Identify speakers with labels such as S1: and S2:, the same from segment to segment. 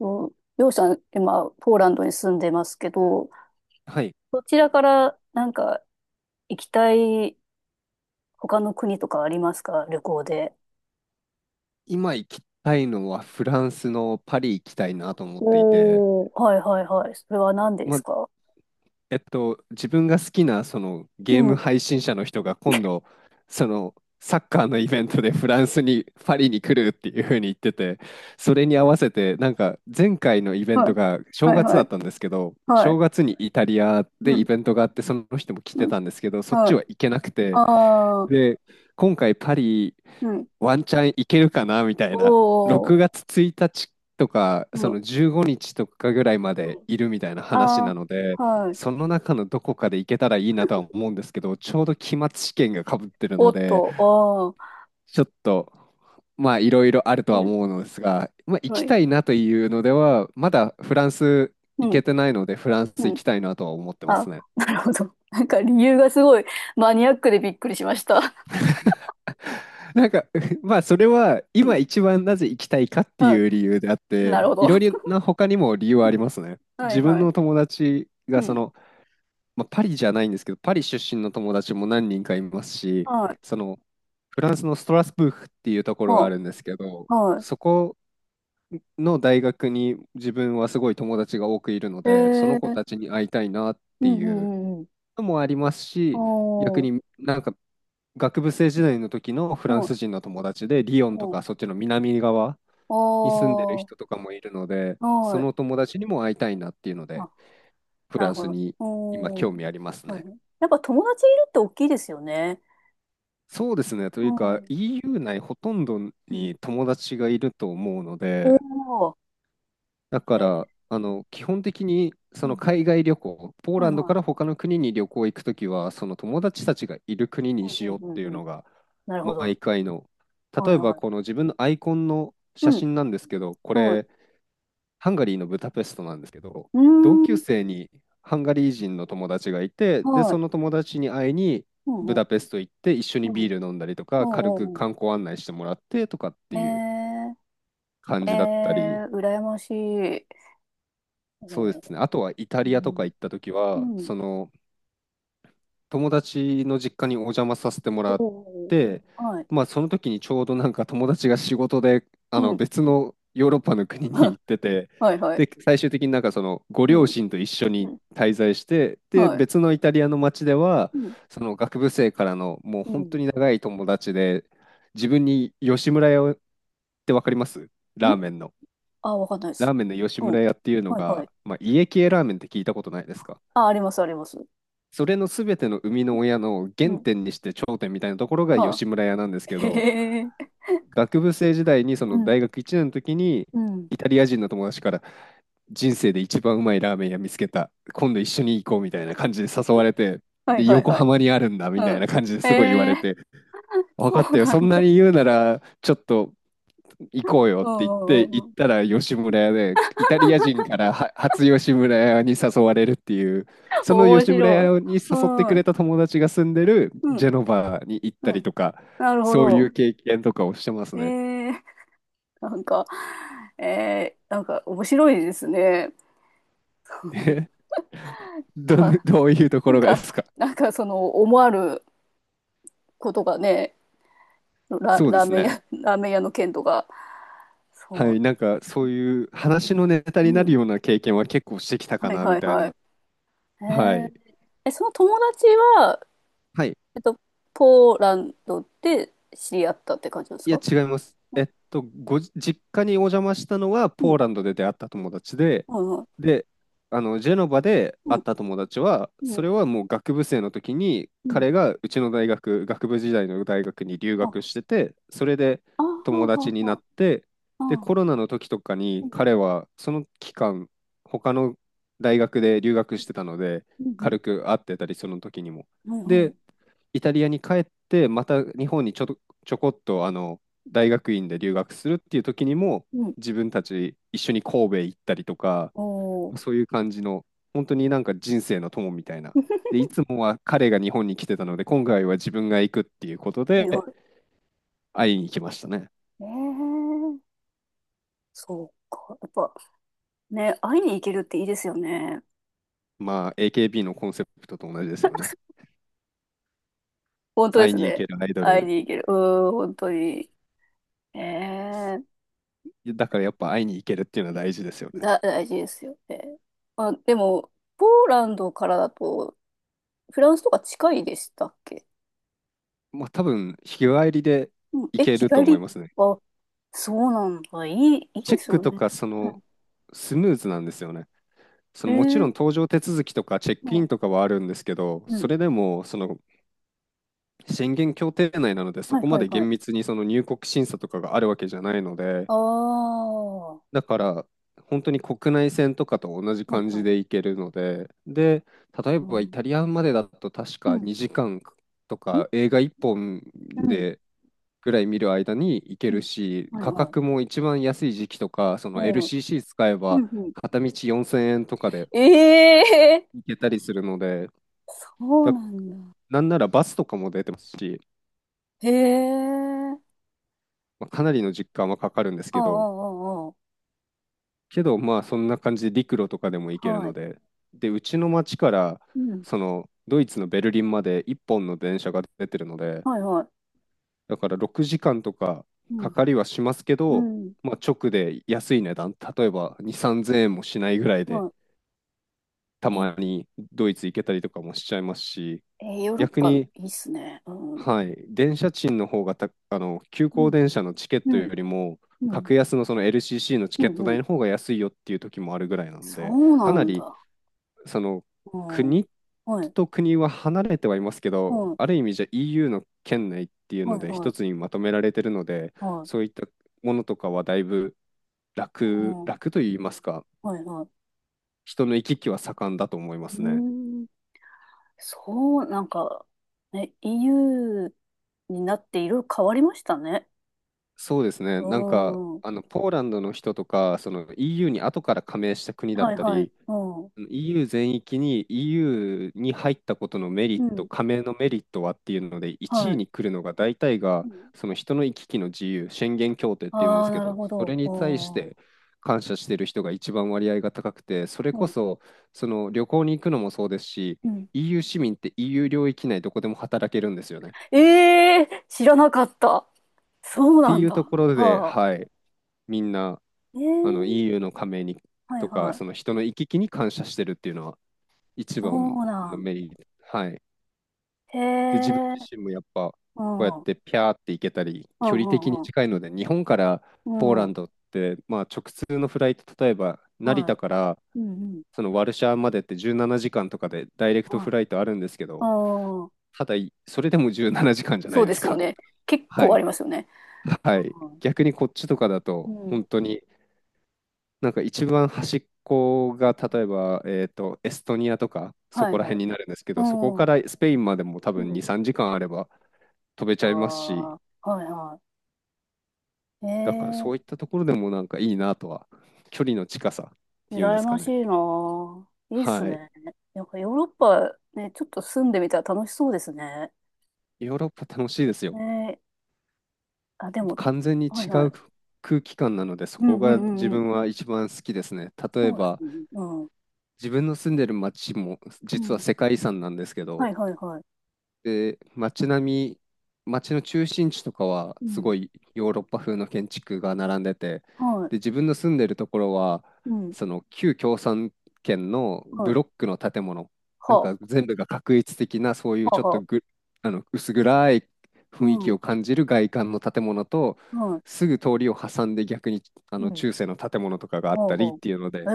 S1: うん、りょうさん、今、ポーランドに住んでますけど、
S2: はい、
S1: そちらからなんか行きたい他の国とかありますか旅行で。
S2: 今行きたいのはフランスのパリ行きたいなと思っていて、
S1: おー、はいはいはい。それは何で
S2: ま
S1: す
S2: あ、
S1: か。
S2: 自分が好きなそのゲー
S1: う
S2: ム
S1: ん。
S2: 配信者の人が今度、そのサッカーのイベントでフランスに、パリに来るっていうふうに言ってて、それに合わせて、なんか前回のイベン
S1: はい、
S2: トが正
S1: はい、
S2: 月
S1: は
S2: だっ
S1: い、
S2: たんですけど、
S1: は
S2: 正
S1: い、
S2: 月にイタリアで
S1: う
S2: イ
S1: ん、
S2: ベントがあって、その人も来
S1: う
S2: て
S1: ん、
S2: たんですけど、そっ
S1: は
S2: ち
S1: い、
S2: は行けなくて、
S1: あー、
S2: で、今回パリ、
S1: はい、
S2: ワンチャン行けるかなみたいな、
S1: お
S2: 6
S1: ー、
S2: 月1日とか、
S1: う
S2: そ
S1: ん、う
S2: の15日とかぐらいまで
S1: ん
S2: いるみたいな話
S1: あ
S2: なので、
S1: ー、はい、
S2: その中のどこかで行けたらいいなとは思うんですけど、ちょうど期末試験がかぶってる
S1: お
S2: の
S1: っ
S2: で、
S1: と、ああ、
S2: ちょっと、まあ、いろいろあるとは
S1: うん、
S2: 思うのですが、まあ、行
S1: は
S2: き
S1: い、
S2: たいなというのでは、まだフランス
S1: う
S2: 行
S1: ん、
S2: けてないので、フランス
S1: う
S2: 行
S1: ん、
S2: きたいなとは思ってます
S1: あ、
S2: ね。
S1: なるほど。なんか理由がすごいマニアックでびっくりしました。
S2: なんか、まあ、それは
S1: う
S2: 今
S1: ん、
S2: 一番なぜ行きたいかっていう理由であっ
S1: な
S2: て、
S1: るほ
S2: い
S1: ど。
S2: ろいろな他にも理由は
S1: う
S2: あり
S1: ん。
S2: ますね。
S1: はい
S2: 自分
S1: はい。
S2: の友達が
S1: う
S2: そ
S1: ん。
S2: の、まあ、パリじゃないんですけど、パリ出身の友達も何人かいますし、
S1: はい。
S2: その、フランスのストラスブーフっていうところがあ
S1: は
S2: るんですけど、
S1: あ、は
S2: そこの大学に自分はすごい友達が多くいるの
S1: い。え
S2: で、そ
S1: え
S2: の子
S1: ー、
S2: たちに会いたいなっ
S1: う
S2: て
S1: んう
S2: い
S1: ん
S2: う
S1: うんうん。
S2: のもありますし、逆
S1: おー、
S2: になんか学部生時代の時のフラン
S1: はい、
S2: ス人の友達で、リヨンと
S1: おー、
S2: かそっちの南側に住んでる
S1: おー、
S2: 人とかもいるので、そ
S1: はい。
S2: の友達にも会いたいなっていうので、
S1: あ、
S2: フ
S1: な
S2: ラ
S1: る
S2: ン
S1: ほ
S2: ス
S1: ど。
S2: に今
S1: おー、
S2: 興味あります
S1: はい
S2: ね。
S1: はい。やっぱ友達いるって大きいですよね。
S2: そうですね。と
S1: う
S2: いうか
S1: ん。
S2: EU 内ほとんど
S1: うん。
S2: に友達がいると思うの
S1: お
S2: で、
S1: ー、
S2: だ
S1: え
S2: か
S1: ー、
S2: ら、あの、基本的に、
S1: う
S2: その
S1: ん。
S2: 海外旅行、ポー
S1: は
S2: ラ
S1: い
S2: ンド
S1: は
S2: か
S1: い。
S2: ら他の国に旅行行くときは、その友達たちがいる国
S1: う
S2: にし
S1: んう
S2: ようって
S1: ん
S2: い
S1: う
S2: う
S1: んうん。
S2: のが、
S1: なるほど。
S2: 毎回の、
S1: は
S2: 例
S1: い
S2: えば
S1: はい。
S2: この自分のアイコンの
S1: う
S2: 写
S1: ん。
S2: 真なんですけど、こ
S1: は
S2: れ、
S1: い。
S2: ハンガリーのブダペストなんですけど、
S1: う
S2: 同
S1: ー
S2: 級
S1: ん。
S2: 生にハンガリー人の友達がいて、で、
S1: は
S2: そ
S1: い。
S2: の友達に会いに、
S1: う
S2: ブ
S1: んうん。
S2: ダペスト行って、一緒
S1: う
S2: にビ
S1: ん。
S2: ール飲んだりと
S1: う
S2: か、軽く
S1: んうん
S2: 観光案内してもらってとかっ
S1: う
S2: て
S1: ん。
S2: いう
S1: えー。
S2: 感じだったり、
S1: えー、羨ましい。え
S2: そうで
S1: ー、
S2: すね。あとはイタ
S1: う
S2: リアとか
S1: ん。
S2: 行った時は、
S1: うん。
S2: その友達の実家にお邪魔させてもらっ
S1: おー
S2: て、
S1: はい。
S2: まあその時にちょうどなんか友達が仕事であ
S1: う
S2: の
S1: ん。
S2: 別のヨーロッパの国に 行ってて、
S1: はいは
S2: で、
S1: い。
S2: 最終的になんかそのご
S1: う
S2: 両
S1: ん。
S2: 親と一緒
S1: う
S2: に
S1: ん。
S2: 滞在して、で、
S1: はい。
S2: 別のイタリアの町では、
S1: うん。
S2: その学部生からのもう
S1: う
S2: 本
S1: ん。ん、
S2: 当に長い友達で、自分に吉村屋をってわかります？ラーメンの。
S1: あ、わかんないで
S2: ラ
S1: す。
S2: ーメンの吉
S1: うん。
S2: 村屋っていうの
S1: はいは
S2: が、
S1: い。
S2: まあ、家系ラーメンって聞いたことないですか？
S1: あ、ありますあります。
S2: それの全ての生みの親の
S1: う
S2: 原
S1: ん。
S2: 点にして頂点みたいなところが
S1: は
S2: 吉村屋なんです
S1: い。
S2: け ど、
S1: へえ。
S2: 学部生時代にそ
S1: う
S2: の
S1: ん。
S2: 大学1年の時に
S1: うん。
S2: イタリア人の友達から、人生で一番うまいラーメン屋見つけた、今度一緒に行こうみたいな感じで誘われて、
S1: はい
S2: で
S1: はい
S2: 横
S1: はい。
S2: 浜にあるんだみ
S1: う
S2: たいな感じで
S1: ん。
S2: すごい言わ
S1: え
S2: れ
S1: ー、
S2: て、分
S1: そ
S2: かっ
S1: う
S2: たよ、
S1: な
S2: そん
S1: ん
S2: な
S1: だ。
S2: に言うならちょっと行こうよっ
S1: う
S2: て言っ
S1: んう
S2: て、
S1: んうん
S2: 行
S1: う
S2: っ
S1: ん。
S2: たら吉村屋で、イタリア人からは初吉村屋に誘われるっていう、その
S1: 面
S2: 吉村
S1: 白い。
S2: 屋に誘
S1: う
S2: ってく
S1: ん。
S2: れた友達が住んでる
S1: うん。
S2: ジェノバに行った
S1: う
S2: り
S1: ん。
S2: とか、
S1: なるほ
S2: そういう
S1: ど。
S2: 経験とかをしてます
S1: え
S2: ね。
S1: ー。なんか、なんか面白いですね。
S2: えどん、
S1: あ、
S2: どういうと
S1: な
S2: こ
S1: ん
S2: ろがで
S1: か、
S2: すか？
S1: その思わぬことがね、
S2: そうで
S1: ラー
S2: す
S1: メン
S2: ね。
S1: 屋、ラーメン屋の件とか、
S2: はい、
S1: そ
S2: なんかそういう話のネタ
S1: う、
S2: にな
S1: う
S2: る
S1: ん、
S2: ような経験は結構してきたか
S1: はい
S2: な、
S1: は
S2: み
S1: い
S2: たい
S1: はい。
S2: な。
S1: え
S2: はい。
S1: ー、え、その友達は、
S2: はい
S1: えっと、ポーランドで知り合ったって感じです
S2: いや、
S1: か。
S2: 違います。
S1: う
S2: え
S1: ん、
S2: っと、ご実家にお邪魔したのは、
S1: う
S2: ポ
S1: ん、
S2: ーランドで出会った友達で、
S1: はいはい
S2: で、あの、ジェノバで
S1: う
S2: 会っ
S1: ん、
S2: た友達は、
S1: う
S2: そ
S1: ん、
S2: れはもう学部生の時に、
S1: うん。
S2: 彼がうちの大学、学部時代の大学に留
S1: あ、あ
S2: 学してて、それで
S1: あ、
S2: 友
S1: あ
S2: 達
S1: あ、
S2: にな
S1: あ
S2: って、で、
S1: あ、
S2: コロナの時とか
S1: う
S2: に、
S1: ん、
S2: 彼はその期間、他の大学で留学してたので、
S1: う
S2: 軽
S1: ん、
S2: く会ってたり、その時にも。
S1: うん、はいは
S2: で、
S1: い。
S2: イタリアに帰って、また日本にちょっと、ちょこっとあの大学院で留学するっていう時にも、
S1: うん、
S2: 自分たち一緒に神戸行ったりとか、
S1: おー。
S2: そういう感じの、本当になんか人生の友みたいな。で、いつもは彼が日本に来てたので、今回は自分が行くっていうこと
S1: はいは
S2: で、
S1: い
S2: 会いに来ましたね。
S1: ええそうか。やっぱね、会いに行けるっていいですよね。
S2: まあ、AKB のコンセプトと同じですよね。
S1: 本当で
S2: 会い
S1: す
S2: に行
S1: ね。
S2: けるアイド
S1: 会い
S2: ル。
S1: に行ける。うーん、本当に。ええ、
S2: だからやっぱ会いに行けるっていうのは大事ですよね。
S1: 大事ですよね。あ、でも、ポーランドからだと、フランスとか近いでしたっけ。
S2: まあ、多分、日帰りで
S1: うん、
S2: 行
S1: え、
S2: け
S1: 日
S2: ると
S1: 帰
S2: 思い
S1: り、
S2: ますね。
S1: あ、そうなんだ。いい
S2: チ
S1: で
S2: ェッ
S1: す
S2: ク
S1: よ
S2: と
S1: ね。
S2: か、そ
S1: う
S2: の、
S1: ん。
S2: スムーズなんですよね。そ
S1: え
S2: のもちろん
S1: え
S2: 搭乗手続きとかチェッ
S1: う
S2: クイン
S1: ん、
S2: とかはあるんですけど、
S1: う
S2: そ
S1: ん。
S2: れでもその宣言協定内なので、そ
S1: はい
S2: こま
S1: はい
S2: で
S1: はい。
S2: 厳密にその入国審査とかがあるわけじゃないので、
S1: ああ、は
S2: だから本当に国内線とかと同じ
S1: い
S2: 感
S1: は
S2: じ
S1: い。
S2: で行けるので、で、例え
S1: う
S2: ばイ
S1: ん、
S2: タリアまでだと確
S1: う
S2: か
S1: ん、
S2: 2時間とか映画1本
S1: うん、
S2: でぐらい見る間に行け
S1: う
S2: る
S1: ん。
S2: し、
S1: はい
S2: 価
S1: はい。
S2: 格も一番安い時期とか、そ
S1: う
S2: の
S1: ん
S2: LCC 使え
S1: う
S2: ば
S1: んうん。
S2: 片道4000円とかで
S1: ええー
S2: 行けたりするので、
S1: そう
S2: だ、
S1: なんだ。
S2: なんならバスとかも出てますし、
S1: へえ。
S2: まあ、かなりの時間はかかるんです
S1: ああ、あ
S2: けど、
S1: あ、あ
S2: けどまあそんな感じで陸路とかでも行
S1: あ。
S2: ける
S1: は
S2: の
S1: い。
S2: で、で、うちの町から
S1: うん。
S2: そのドイツのベルリンまで1本の電車が出てるので、
S1: はい、はい。
S2: だから6時間とか
S1: う
S2: か
S1: ん。
S2: かりはしますけ
S1: う
S2: ど、
S1: ん。
S2: まあ、直で安い値段、例えば2、3000円もしないぐらいで
S1: は
S2: た
S1: い。
S2: まにドイツ行けたりとかもしちゃいますし、
S1: ヨーロッ
S2: 逆
S1: パ
S2: に、
S1: いいっすね。うん。
S2: はい、電車賃の方が、あの、急
S1: う
S2: 行
S1: ん。
S2: 電車のチケッ
S1: う
S2: トよ
S1: ん。
S2: りも、
S1: うん。
S2: 格安のその LCC のチ
S1: う
S2: ケッ
S1: ん。
S2: ト
S1: う
S2: 代
S1: ん
S2: の方が安いよっていう時もあるぐらいなん
S1: そ
S2: で、
S1: う
S2: か
S1: な
S2: な
S1: ん
S2: り、
S1: だ。
S2: その、
S1: うん。
S2: 国
S1: はい。
S2: と国は離れてはいますけど、
S1: はい。
S2: ある意味じゃ EU の圏内っていう
S1: は
S2: の
S1: い。
S2: で、
S1: は
S2: 一
S1: い。
S2: つにまとめられてるので、
S1: はい。
S2: そういったものとかはだいぶ楽、
S1: うん。
S2: 楽と言いますか、
S1: はい。はい。
S2: 人の行き来は盛んだと思います
S1: う
S2: ね。
S1: ん。そう、なんか、ね、EU になっていろいろ変わりましたね。
S2: そうですね。なんか、
S1: うん。
S2: あの、ポーランドの人とか、その EU に後から加盟した国だ
S1: は
S2: っ
S1: い。
S2: た
S1: はい。
S2: り、
S1: うん。
S2: EU 全域に EU に入ったことのメリ
S1: う
S2: ット、
S1: ん。
S2: 加盟のメリットはっていうので、1
S1: は
S2: 位
S1: い。
S2: に来るのが大体
S1: う
S2: が、
S1: ん。
S2: その人の行き来の自由、宣言協定っていうんで
S1: ああ、
S2: すけ
S1: なる
S2: ど、
S1: ほ
S2: そ
S1: ど。
S2: れに対し
S1: あ
S2: て
S1: あ。
S2: 感謝してる人が一番割合が高くて、それ
S1: う
S2: こ
S1: ん。
S2: そ、その旅行に行くのもそうですし、
S1: うん。
S2: EU 市民って EU 領域内どこでも働けるんですよね。
S1: ええ知らなかった。そう
S2: って
S1: な
S2: い
S1: ん
S2: うと
S1: だ。
S2: ころで、
S1: は
S2: は
S1: あ。
S2: い。みんな
S1: え
S2: あの
S1: え
S2: EU の加盟に
S1: はい
S2: と
S1: は
S2: か、その
S1: い。
S2: 人の行き来に感謝してるっていうのは一
S1: そ
S2: 番
S1: うな
S2: の
S1: ん。
S2: メリット。はい。
S1: へ
S2: で、自分
S1: え。
S2: 自身もやっぱこ
S1: う
S2: うやっ
S1: ん。うん
S2: てピャーって行けたり、
S1: う
S2: 距離的に
S1: んう
S2: 近いので、日本からポー
S1: ん。
S2: ラ
S1: う
S2: ン
S1: ん。
S2: ドって、まあ直通のフライト、例えば成
S1: はい。
S2: 田から
S1: うんうん。
S2: そのワルシャワまでって17時間とかでダイレクト
S1: は
S2: フ
S1: い。
S2: ライトあるんですけ
S1: あ
S2: ど、
S1: あ、
S2: ただ、それでも17時間じかんじゃな
S1: そう
S2: いで
S1: で
S2: す
S1: すよ
S2: か。
S1: ね。結
S2: は
S1: 構あ
S2: い。
S1: りますよね。
S2: はい。
S1: うん。
S2: 逆にこっちとかだ
S1: う
S2: と、
S1: ん
S2: 本当になんか一番端っこが例えば、エストニアとかそ
S1: はい
S2: こら
S1: は
S2: 辺
S1: い。
S2: になるんですけ
S1: う
S2: ど、そこ
S1: ん。
S2: か
S1: う
S2: らスペインまでも多分2、
S1: ん。
S2: 3時間あれば飛べち
S1: あ
S2: ゃいますし、
S1: あ、はいは
S2: だからそう
S1: い。ええ
S2: いったところでもなんかいいなとは、距離の近さっていうんで
S1: 羨
S2: すか
S1: まし
S2: ね。
S1: いなぁ。いいっす
S2: はい。
S1: ね。なんかヨーロッパね、ちょっと住んでみたら楽しそうですね。
S2: ヨーロッパ楽しいです
S1: ね
S2: よ。
S1: え、あ、でも、
S2: 完全に
S1: はい
S2: 違
S1: は
S2: う
S1: い。
S2: 空気感なので、そ
S1: うん
S2: こ
S1: うん
S2: が
S1: う
S2: 自
S1: んうん。
S2: 分は一番好きですね。例え
S1: そうです
S2: ば、
S1: ね。うん。
S2: 自分の住んでる街も
S1: う
S2: 実は
S1: ん。
S2: 世界遺産なんですけ
S1: は
S2: ど、
S1: いはいはい。
S2: で、街並み、街の中心地とかは
S1: う
S2: すご
S1: ん。
S2: いヨーロッパ風の建築が並んでて、
S1: は
S2: で、自分の住んでるところは、
S1: い。うん。
S2: その旧共産圏の
S1: は
S2: ブ
S1: い。
S2: ロックの建物、なん
S1: は
S2: か全部が画一的な、そういう
S1: あ、は
S2: ちょっ
S1: あ、は
S2: と
S1: あ。
S2: ぐ、あの薄暗い雰囲
S1: う
S2: 気を
S1: ん。
S2: 感じる外観の建物と、
S1: はい。
S2: すぐ通りを挟んで逆にあ
S1: う
S2: の
S1: ん。
S2: 中世の建物とかがあ
S1: は
S2: っ
S1: あ、
S2: たりっ
S1: は
S2: ていうの
S1: あ。
S2: で、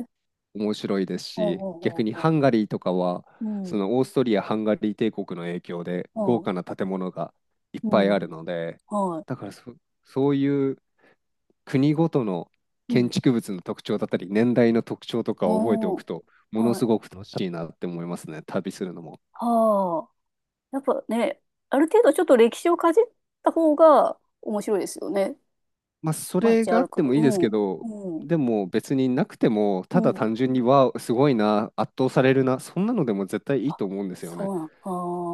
S1: ええ
S2: 面白いです
S1: はあ、は
S2: し、
S1: あ、
S2: 逆
S1: は
S2: に
S1: あ、はあ。
S2: ハンガリーとかは、
S1: う
S2: そ
S1: ん。
S2: のオーストリア・ハンガリー帝国の影響で
S1: は
S2: 豪華な
S1: あ。
S2: 建物がいっ
S1: う
S2: ぱいある
S1: ん。
S2: ので、
S1: は
S2: だ
S1: い。
S2: からそ、そういう国ごとの
S1: う
S2: 建
S1: ん。
S2: 築物の特徴だったり、年代の特徴とかを覚えてお
S1: お
S2: く
S1: ー。
S2: と、もの
S1: は
S2: す
S1: い。
S2: ごく楽しいなって思いますね、旅するのも。
S1: はあ。やっぱね、ある程度ちょっと歴史をかじった方が面白いですよね。
S2: まあ、それ
S1: 街
S2: があ
S1: 歩く
S2: っ
S1: こ
S2: て
S1: と。
S2: もいいですけ
S1: う
S2: ど、
S1: ん。うん。
S2: でも別になくても、
S1: う
S2: ただ
S1: ん。
S2: 単純に、わあ、すごいな、圧倒されるな、そんなのでも絶対いい
S1: あ、
S2: と思うんですよ
S1: そ
S2: ね。
S1: うなん。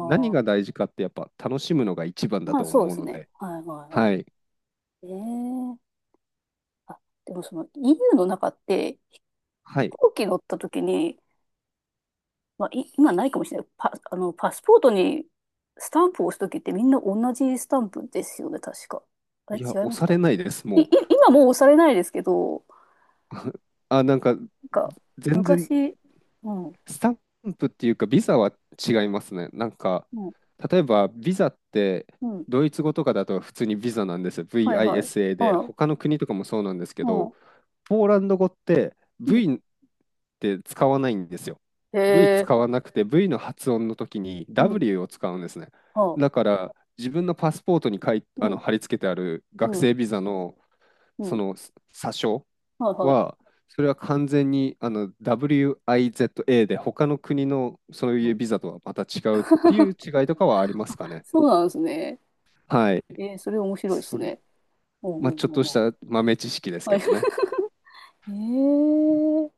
S2: 何が
S1: あ。
S2: 大事かってやっぱ楽しむのが一番だ
S1: まあ
S2: と
S1: そう
S2: 思
S1: で
S2: う
S1: す
S2: の
S1: ね。
S2: で、
S1: はいはい
S2: は
S1: は
S2: い、
S1: い。ええあ、でもその EU の中って
S2: は
S1: 飛
S2: い。
S1: 行機乗った時に、まあい今ないかもしれない。パ、あの、パスポートにスタンプを押す時ってみんな同じスタンプですよね、確か。あれ
S2: いや、
S1: 違い
S2: 押
S1: まし
S2: さ
S1: た
S2: れ
S1: っ
S2: な
S1: け。
S2: いです、も
S1: 今もう押されないですけど、
S2: う。あ、なんか、
S1: なんか
S2: 全然、
S1: 昔、うん。
S2: スタンプっていうか、ビザは違いますね。なんか、
S1: うん
S2: 例えば、ビザって、
S1: うん。
S2: ドイツ語とかだと普通にビザなんですよ。
S1: はい
S2: VISA
S1: はい。あ
S2: で、
S1: あ、あ
S2: 他の国とかもそうなんですけ
S1: あ、
S2: ど、ポーランド語って
S1: うん。
S2: V って使わないんですよ。
S1: へ
S2: V
S1: え、
S2: 使わなくて V の発音の時に
S1: うん。
S2: W を使うんですね。
S1: ああ、
S2: だから自分のパスポートにあ
S1: う
S2: の
S1: ん、
S2: 貼り付けてある
S1: う
S2: 学
S1: ん、
S2: 生ビザの
S1: う
S2: そ
S1: ん。
S2: の査証
S1: はいはい。
S2: は、それは完全にあの WIZA で他の国のそう
S1: う
S2: いう
S1: ん。
S2: ビザとはまた違うっていう違いとかはありますかね。
S1: そうなんですね。
S2: はい。
S1: えー、それ面白いです
S2: それ、
S1: ね。うん、う
S2: まあ、
S1: ん、
S2: ちょ
S1: う
S2: っ
S1: ん。
S2: とし
S1: うん
S2: た豆知識です
S1: は
S2: け
S1: い。
S2: どね。
S1: へえ